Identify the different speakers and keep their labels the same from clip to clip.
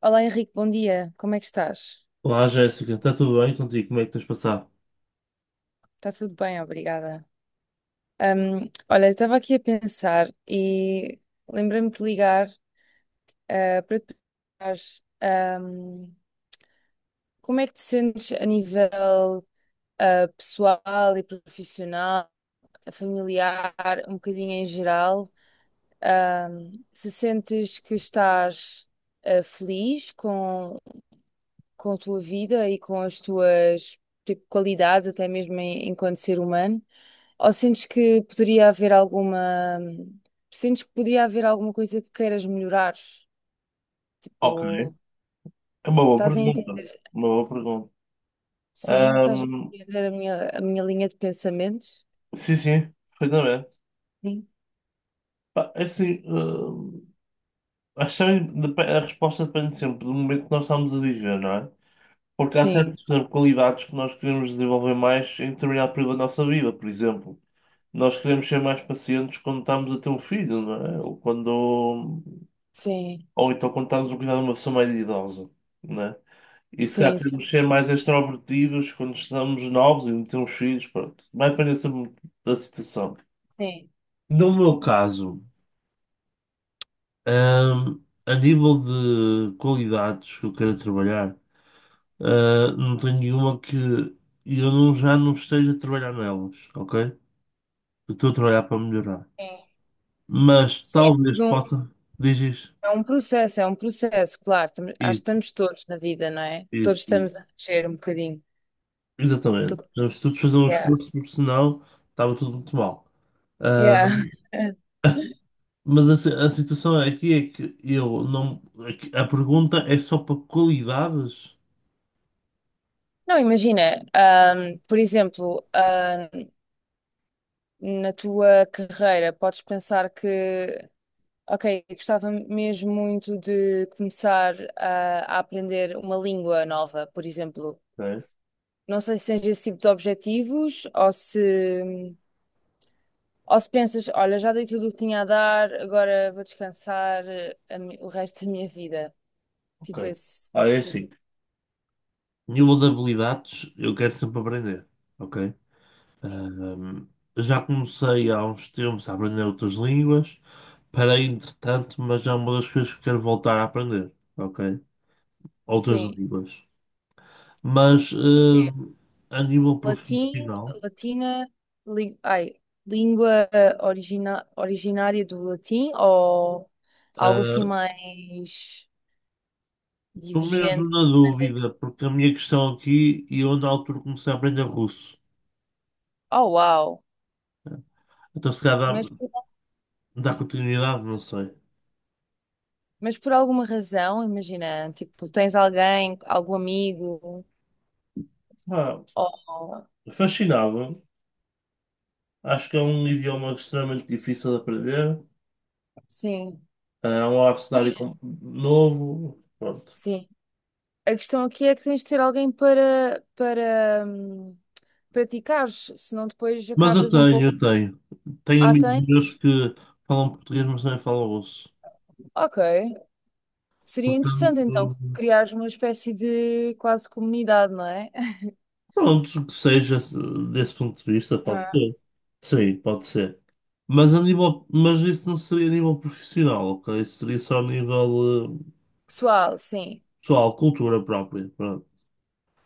Speaker 1: Olá Henrique, bom dia. Como é que estás?
Speaker 2: Olá, Jéssica, está tudo bem contigo? Como é que tens passado?
Speaker 1: Está tudo bem, obrigada. Olha, eu estava aqui a pensar e lembrei-me de ligar para te perguntar ahm, como é que te sentes a nível pessoal e profissional, familiar, um bocadinho em geral. Se sentes que estás feliz com a tua vida e com as tuas tipo, qualidades, até mesmo enquanto ser humano? Ou sentes que poderia haver alguma. Sentes que poderia haver alguma coisa que queiras melhorar?
Speaker 2: Ok,
Speaker 1: Tipo,
Speaker 2: é uma boa
Speaker 1: estás a
Speaker 2: pergunta.
Speaker 1: entender?
Speaker 2: Uma boa pergunta.
Speaker 1: Sim, estás a
Speaker 2: Ahm,
Speaker 1: entender a a minha linha de pensamentos?
Speaker 2: sim, sim, perfeitamente.
Speaker 1: Sim,
Speaker 2: Pá, é assim, acho que a resposta depende sempre do momento que nós estamos a viver, não é? Porque há
Speaker 1: sim,
Speaker 2: certas, por exemplo, qualidades que nós queremos desenvolver mais em determinado período da nossa vida. Por exemplo, nós queremos ser mais pacientes quando estamos a ter um filho, não é? Ou quando.
Speaker 1: sim,
Speaker 2: Ou então quando estamos a cuidar de uma pessoa mais idosa, né? E se calhar
Speaker 1: sim, sim.
Speaker 2: queremos ser mais extrovertidos quando estamos novos e não temos filhos, pronto. Vai depender sempre muito da situação.
Speaker 1: Sim,
Speaker 2: No meu caso, ahm, a nível de qualidades que eu quero trabalhar, não tenho nenhuma que eu não, já não esteja a trabalhar nelas, ok? Eu estou a trabalhar para melhorar.
Speaker 1: sim.
Speaker 2: Mas
Speaker 1: Sim, é
Speaker 2: talvez
Speaker 1: tudo um
Speaker 2: possa. Diz isso.
Speaker 1: é um processo, claro. Acho que
Speaker 2: Isso,
Speaker 1: estamos todos na vida, não é? Todos
Speaker 2: isso.
Speaker 1: estamos a crescer um bocadinho. Tudo.
Speaker 2: Exatamente. Devemos todos fazer um
Speaker 1: Yeah.
Speaker 2: esforço, porque senão estava tudo muito mal. Ah,
Speaker 1: Yeah.
Speaker 2: mas a, a situação aqui é que eu não. É que a pergunta é só para qualidades.
Speaker 1: Não, imagina, por exemplo, na tua carreira, podes pensar que ok, gostava mesmo muito de começar a aprender uma língua nova, por exemplo.
Speaker 2: Ok.
Speaker 1: Não sei se tens esse tipo de objetivos ou se pensas, olha, já dei tudo o que tinha a dar, agora vou descansar a o resto da minha vida. Tipo
Speaker 2: Ok.
Speaker 1: esse,
Speaker 2: Ah, é
Speaker 1: esse tipo.
Speaker 2: assim. Nível de habilidades, eu quero sempre aprender. Ok.
Speaker 1: Sim.
Speaker 2: Ah, já comecei há uns tempos a aprender outras línguas. Parei, entretanto, mas já é uma das coisas que quero voltar a aprender. Ok. Outras
Speaker 1: Sim.
Speaker 2: línguas. Mas
Speaker 1: Tipo o quê?
Speaker 2: a nível
Speaker 1: Latim,
Speaker 2: profissional.
Speaker 1: latina, li- ai, língua origina, originária do latim ou algo assim
Speaker 2: Estou
Speaker 1: mais
Speaker 2: mesmo
Speaker 1: divergente?
Speaker 2: na
Speaker 1: Mandarim?
Speaker 2: dúvida, porque a minha questão aqui, e eu na altura comecei a aprender russo.
Speaker 1: Oh, uau!
Speaker 2: Então se calhar
Speaker 1: Mas,
Speaker 2: dá,
Speaker 1: por-
Speaker 2: dá continuidade, não sei.
Speaker 1: mas por alguma razão, imagina, tipo, tens alguém, algum amigo,
Speaker 2: Ah,
Speaker 1: ou...
Speaker 2: fascinava. Acho que é um idioma extremamente difícil de aprender.
Speaker 1: Sim,
Speaker 2: É um abecedário
Speaker 1: imagina.
Speaker 2: novo. Pronto.
Speaker 1: Sim. A questão aqui é que tens de ter alguém para praticares, senão depois
Speaker 2: Mas eu
Speaker 1: acabas um
Speaker 2: tenho,
Speaker 1: pouco...
Speaker 2: eu tenho. Tenho
Speaker 1: Ah,
Speaker 2: amigos meus
Speaker 1: tens?
Speaker 2: que falam português, mas também falam russo.
Speaker 1: Ok. Seria interessante
Speaker 2: Portanto.
Speaker 1: então criar uma espécie de quase comunidade, não é?
Speaker 2: Pronto, que seja desse ponto de vista, pode
Speaker 1: Ah,
Speaker 2: ser. Sim, pode ser. Mas isso não seria a nível profissional, ok? Isso seria só a nível
Speaker 1: pessoal, sim,
Speaker 2: pessoal, cultura própria. Pronto.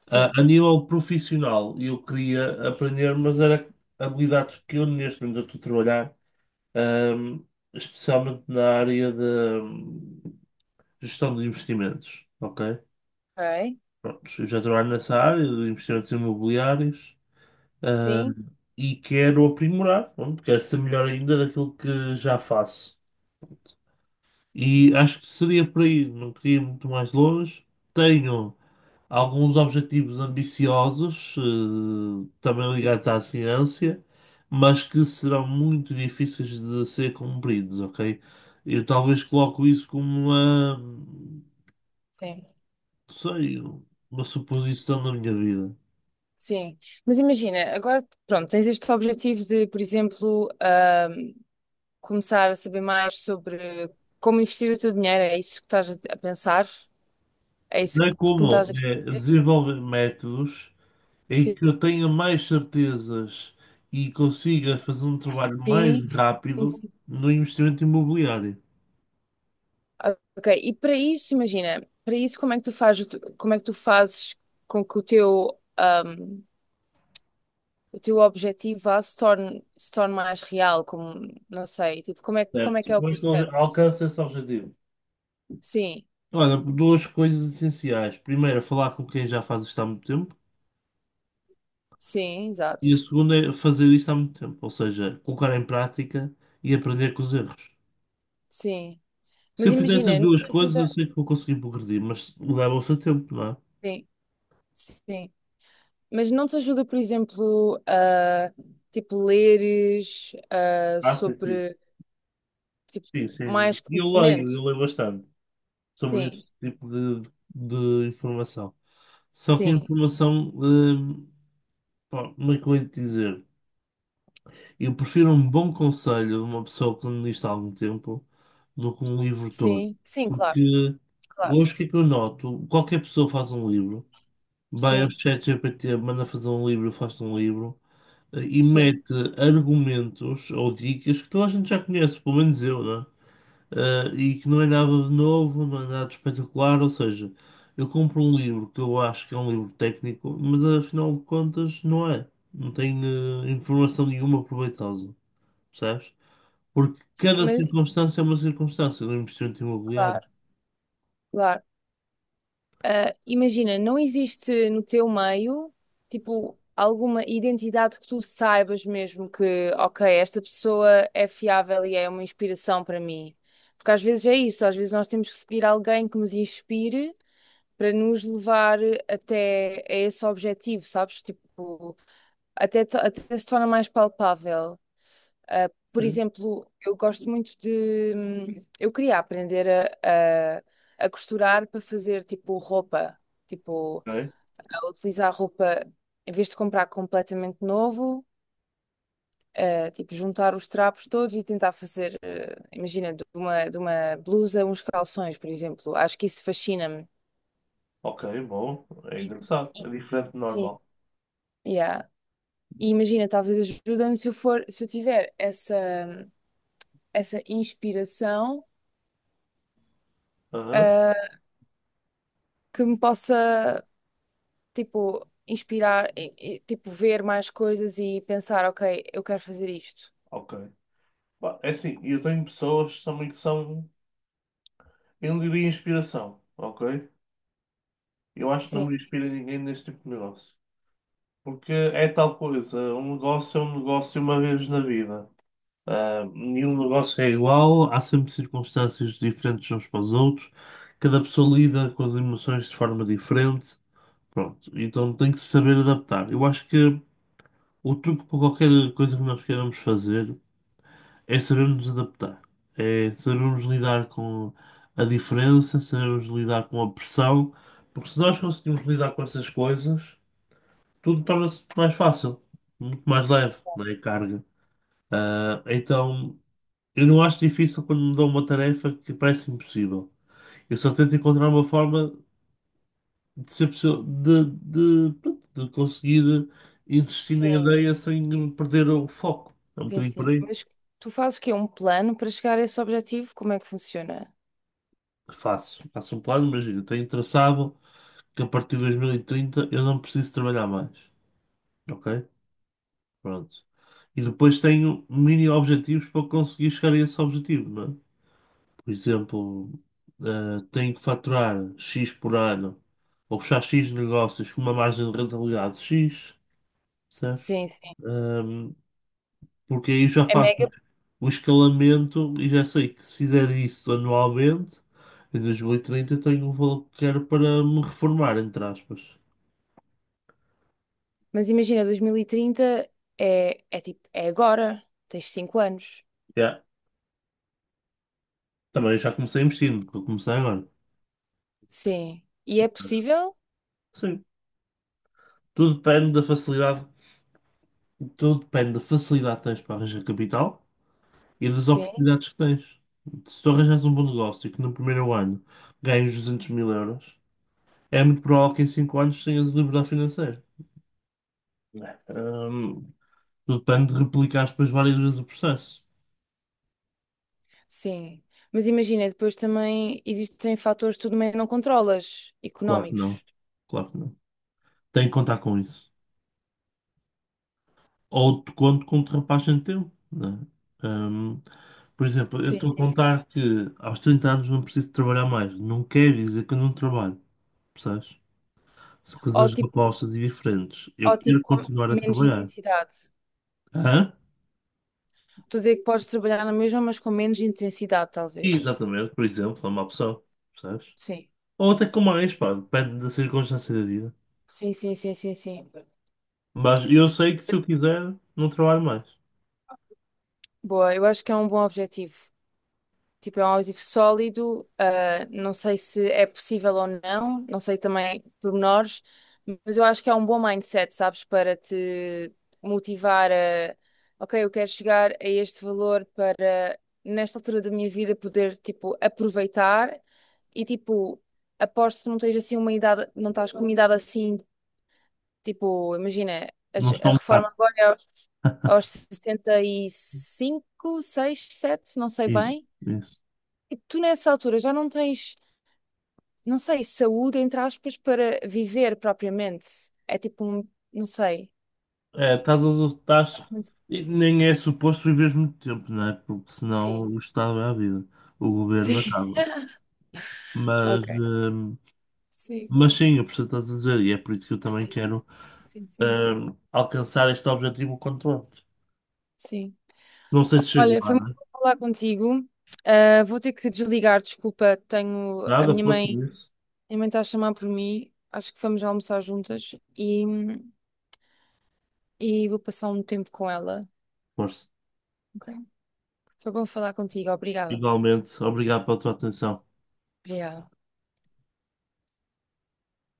Speaker 1: sim,
Speaker 2: A nível profissional, eu queria aprender, mas era habilidades que eu neste momento estou a trabalhar, ahm, especialmente na área de hum, gestão de investimentos, ok?
Speaker 1: ok,
Speaker 2: Pronto, eu já trabalho nessa área de investimentos imobiliários. Ah,
Speaker 1: sim,
Speaker 2: e quero aprimorar, pronto, quero ser melhor ainda daquilo que já faço. E acho que seria por aí, não queria ir muito mais longe. Tenho alguns objetivos ambiciosos, também ligados à ciência, mas que serão muito difíceis de ser cumpridos, ok? Eu talvez coloco isso como uma, não
Speaker 1: sim,
Speaker 2: sei, uma suposição da minha vida.
Speaker 1: sim. Mas imagina, agora, pronto, tens este objetivo de, por exemplo, começar a saber mais sobre como investir o teu dinheiro, é isso que estás a pensar? É isso
Speaker 2: Não é
Speaker 1: que me
Speaker 2: como
Speaker 1: estás a
Speaker 2: é
Speaker 1: dizer?
Speaker 2: desenvolver métodos em
Speaker 1: Sim,
Speaker 2: que eu tenha mais certezas e consiga fazer um trabalho mais
Speaker 1: sim,
Speaker 2: rápido
Speaker 1: sim.
Speaker 2: no investimento imobiliário.
Speaker 1: Ah, ok, e para isso, imagina, para isso como é que tu fazes, o como é que tu fazes com que o teu objetivo vá, se torne, se torne mais real, como, não sei, tipo, como é que
Speaker 2: Certo.
Speaker 1: é o
Speaker 2: Como é que eu
Speaker 1: processo?
Speaker 2: alcanço esse objetivo?
Speaker 1: Sim,
Speaker 2: Olha, duas coisas essenciais. Primeiro, é falar com quem já faz isto há muito tempo.
Speaker 1: sim,
Speaker 2: E a
Speaker 1: exato,
Speaker 2: segunda é fazer isto há muito tempo, ou seja, colocar em prática e aprender com os erros.
Speaker 1: sim.
Speaker 2: Se
Speaker 1: Mas
Speaker 2: eu fizer essas
Speaker 1: imagina, não
Speaker 2: duas
Speaker 1: te
Speaker 2: coisas, eu
Speaker 1: ajuda,
Speaker 2: sei que vou conseguir progredir, mas leva o seu tempo, não é?
Speaker 1: sim, sim, mas não te ajuda, por exemplo, tipo, leres,
Speaker 2: Ah, sim, sim.
Speaker 1: sobre, tipo,
Speaker 2: Sim, sim, sim.
Speaker 1: mais
Speaker 2: E
Speaker 1: conhecimento?
Speaker 2: eu leio bastante sobre
Speaker 1: Sim,
Speaker 2: esse tipo de informação. Só que a
Speaker 1: sim,
Speaker 2: informação, pá, como é que eu hei de dizer? Eu prefiro um bom conselho de uma pessoa que me disse há algum tempo do que um livro todo.
Speaker 1: sim, sim, claro,
Speaker 2: Porque
Speaker 1: claro,
Speaker 2: hoje o que é que eu noto? Qualquer pessoa faz um livro, vai ao
Speaker 1: sim,
Speaker 2: ChatGPT, manda fazer um livro, faz um livro e
Speaker 1: sim,
Speaker 2: mete argumentos ou dicas que toda a gente já conhece, pelo menos eu, né? E que não é nada de novo, não é nada de espetacular. Ou seja, eu compro um livro que eu acho que é um livro técnico, mas afinal de contas não é. Não tem informação nenhuma proveitosa, percebes? Porque
Speaker 1: sim,
Speaker 2: cada
Speaker 1: mas,
Speaker 2: circunstância é uma circunstância do investimento imobiliário.
Speaker 1: claro, claro. Ah, imagina, não existe no teu meio, tipo, alguma identidade que tu saibas mesmo que, ok, esta pessoa é fiável e é uma inspiração para mim. Porque às vezes é isso, às vezes nós temos que seguir alguém que nos inspire para nos levar até a esse objetivo, sabes? Tipo, até, até se torna mais palpável. Por
Speaker 2: Sim.
Speaker 1: exemplo, eu gosto muito de. Hum, eu queria aprender a, a, a costurar para fazer tipo roupa, tipo,
Speaker 2: Ok,
Speaker 1: a utilizar roupa em vez de comprar completamente novo, tipo, juntar os trapos todos e tentar fazer, imagina, de de uma blusa, uns calções, por exemplo. Acho que isso fascina-me.
Speaker 2: ok, bom, é
Speaker 1: E,
Speaker 2: engraçado, é
Speaker 1: e-
Speaker 2: diferente do
Speaker 1: sim,
Speaker 2: normal.
Speaker 1: yeah. E imagina, talvez ajuda-me se eu for, se eu tiver essa, hum, essa inspiração,
Speaker 2: Aham,
Speaker 1: uh, que me possa. Tipo, inspirar, e, tipo, ver mais coisas e pensar, ok, eu quero fazer isto.
Speaker 2: ok. Pá, é assim, eu tenho pessoas também que são, eu não diria inspiração, ok? Eu acho que não
Speaker 1: Sim,
Speaker 2: me inspira ninguém neste tipo de negócio. Porque é tal coisa, um negócio é um negócio uma vez na vida. Ah, nenhum negócio é igual, há sempre circunstâncias diferentes uns para os outros, cada pessoa lida com as emoções de forma diferente, pronto, então tem que se saber adaptar. Eu acho que o truque para qualquer coisa que nós queiramos fazer é sabermos adaptar, é sabermos lidar com a diferença, sabermos lidar com a pressão, porque se nós conseguimos lidar com essas coisas tudo torna-se mais fácil, muito mais leve, não é? A carga. Ah, então, eu não acho difícil quando me dão uma tarefa que parece impossível. Eu só tento encontrar uma forma de ser possível, de, pronto, de conseguir insistir na
Speaker 1: sim,
Speaker 2: ideia sem perder o foco. É um
Speaker 1: sim,
Speaker 2: bocadinho por
Speaker 1: sim.
Speaker 2: aí.
Speaker 1: Mas tu fazes o quê? Um plano para chegar a esse objetivo? Como é que funciona?
Speaker 2: Faço um plano, imagina, tenho traçado que a partir de 2030 eu não preciso trabalhar mais. Ok? Pronto. E depois tenho mini objetivos para conseguir chegar a esse objetivo, não é? Por exemplo, tenho que faturar X por ano ou fechar X negócios com uma margem de rentabilidade X, certo?
Speaker 1: Sim, sim.
Speaker 2: Um, porque aí já
Speaker 1: É
Speaker 2: faço
Speaker 1: mega.
Speaker 2: o escalamento e já sei que se fizer isso anualmente, em 2030 eu tenho o valor que quero para me reformar, entre aspas.
Speaker 1: Mas imagina, 2030 é, é tipo, é agora. Tens 5 anos.
Speaker 2: Yeah. Também já comecei investindo, que eu comecei agora.
Speaker 1: Sim. E é possível?
Speaker 2: Sim. Tudo depende da facilidade, tudo depende da facilidade que tens para arranjar capital e das
Speaker 1: Sim,
Speaker 2: oportunidades que tens. Se tu arranjas um bom negócio e que no primeiro ano ganhas 200 mil euros, é muito provável que em 5 anos tenhas liberdade financeira. Hum, tudo depende de replicar depois várias vezes o processo.
Speaker 1: sim. Mas imagina, depois também existem fatores que tu também não controlas,
Speaker 2: Claro que não.
Speaker 1: económicos.
Speaker 2: Claro que não. Tem que contar com isso. Ou te conto com ultrapassagem teu, né? Hum, por exemplo, eu
Speaker 1: Sim,
Speaker 2: estou a
Speaker 1: sim, sim.
Speaker 2: contar que aos 30 anos não preciso trabalhar mais. Não quer dizer que eu não trabalho, percebes? São
Speaker 1: Ou
Speaker 2: coisas
Speaker 1: tipo,
Speaker 2: opostas e diferentes. Eu
Speaker 1: ou tipo
Speaker 2: quero
Speaker 1: com
Speaker 2: continuar a
Speaker 1: menos
Speaker 2: trabalhar.
Speaker 1: intensidade.
Speaker 2: Hã?
Speaker 1: Estou a dizer que podes trabalhar na mesma, mas com menos intensidade, talvez.
Speaker 2: Exatamente, por exemplo, é uma opção, percebes?
Speaker 1: Sim.
Speaker 2: Ou até com mais, pá, depende da circunstância da vida.
Speaker 1: Sim, sim, sim, sim, sim.
Speaker 2: Mas eu sei que se eu quiser, não trabalho mais.
Speaker 1: Boa, eu acho que é um bom objetivo. Tipo, é um objetivo sólido. Ah, não sei se é possível ou não, não sei também pormenores, mas eu acho que é um bom mindset, sabes, para te motivar ok, eu quero chegar a este valor para, nesta altura da minha vida, poder, tipo, aproveitar. E tipo, aposto que não tens assim uma idade, não estás com uma idade assim, tipo, imagina,
Speaker 2: Não estou um bocado.
Speaker 1: reforma agora é aos, aos 65 6 7 não sei
Speaker 2: Isso,
Speaker 1: bem.
Speaker 2: isso.
Speaker 1: Tu nessa altura já não tens, não sei, saúde, entre aspas, para viver propriamente. É tipo um, não sei.
Speaker 2: É, estás, estás,
Speaker 1: Acho muito
Speaker 2: e
Speaker 1: difícil.
Speaker 2: nem é suposto viveres muito tempo, não é? Porque senão
Speaker 1: Sim,
Speaker 2: o Estado é a vida, o governo
Speaker 1: sim,
Speaker 2: acaba. Mas,
Speaker 1: ok.
Speaker 2: hum,
Speaker 1: Sim,
Speaker 2: mas sim, eu percebo o que estás a dizer, e é por isso que eu também quero,
Speaker 1: sim, sim.
Speaker 2: alcançar este objetivo o quanto antes.
Speaker 1: Sim.
Speaker 2: Não sei se chego
Speaker 1: Olha,
Speaker 2: lá,
Speaker 1: foi
Speaker 2: não
Speaker 1: muito
Speaker 2: é?
Speaker 1: bom falar contigo. Ah, vou ter que desligar, desculpa, tenho a
Speaker 2: Nada,
Speaker 1: minha
Speaker 2: força
Speaker 1: mãe
Speaker 2: nisso.
Speaker 1: minha mãe está a chamar por mim, acho que vamos almoçar juntas e vou passar um tempo com ela.
Speaker 2: Força.
Speaker 1: Ok? Foi bom falar contigo, obrigada.
Speaker 2: Igualmente, obrigado pela tua atenção.
Speaker 1: Obrigada.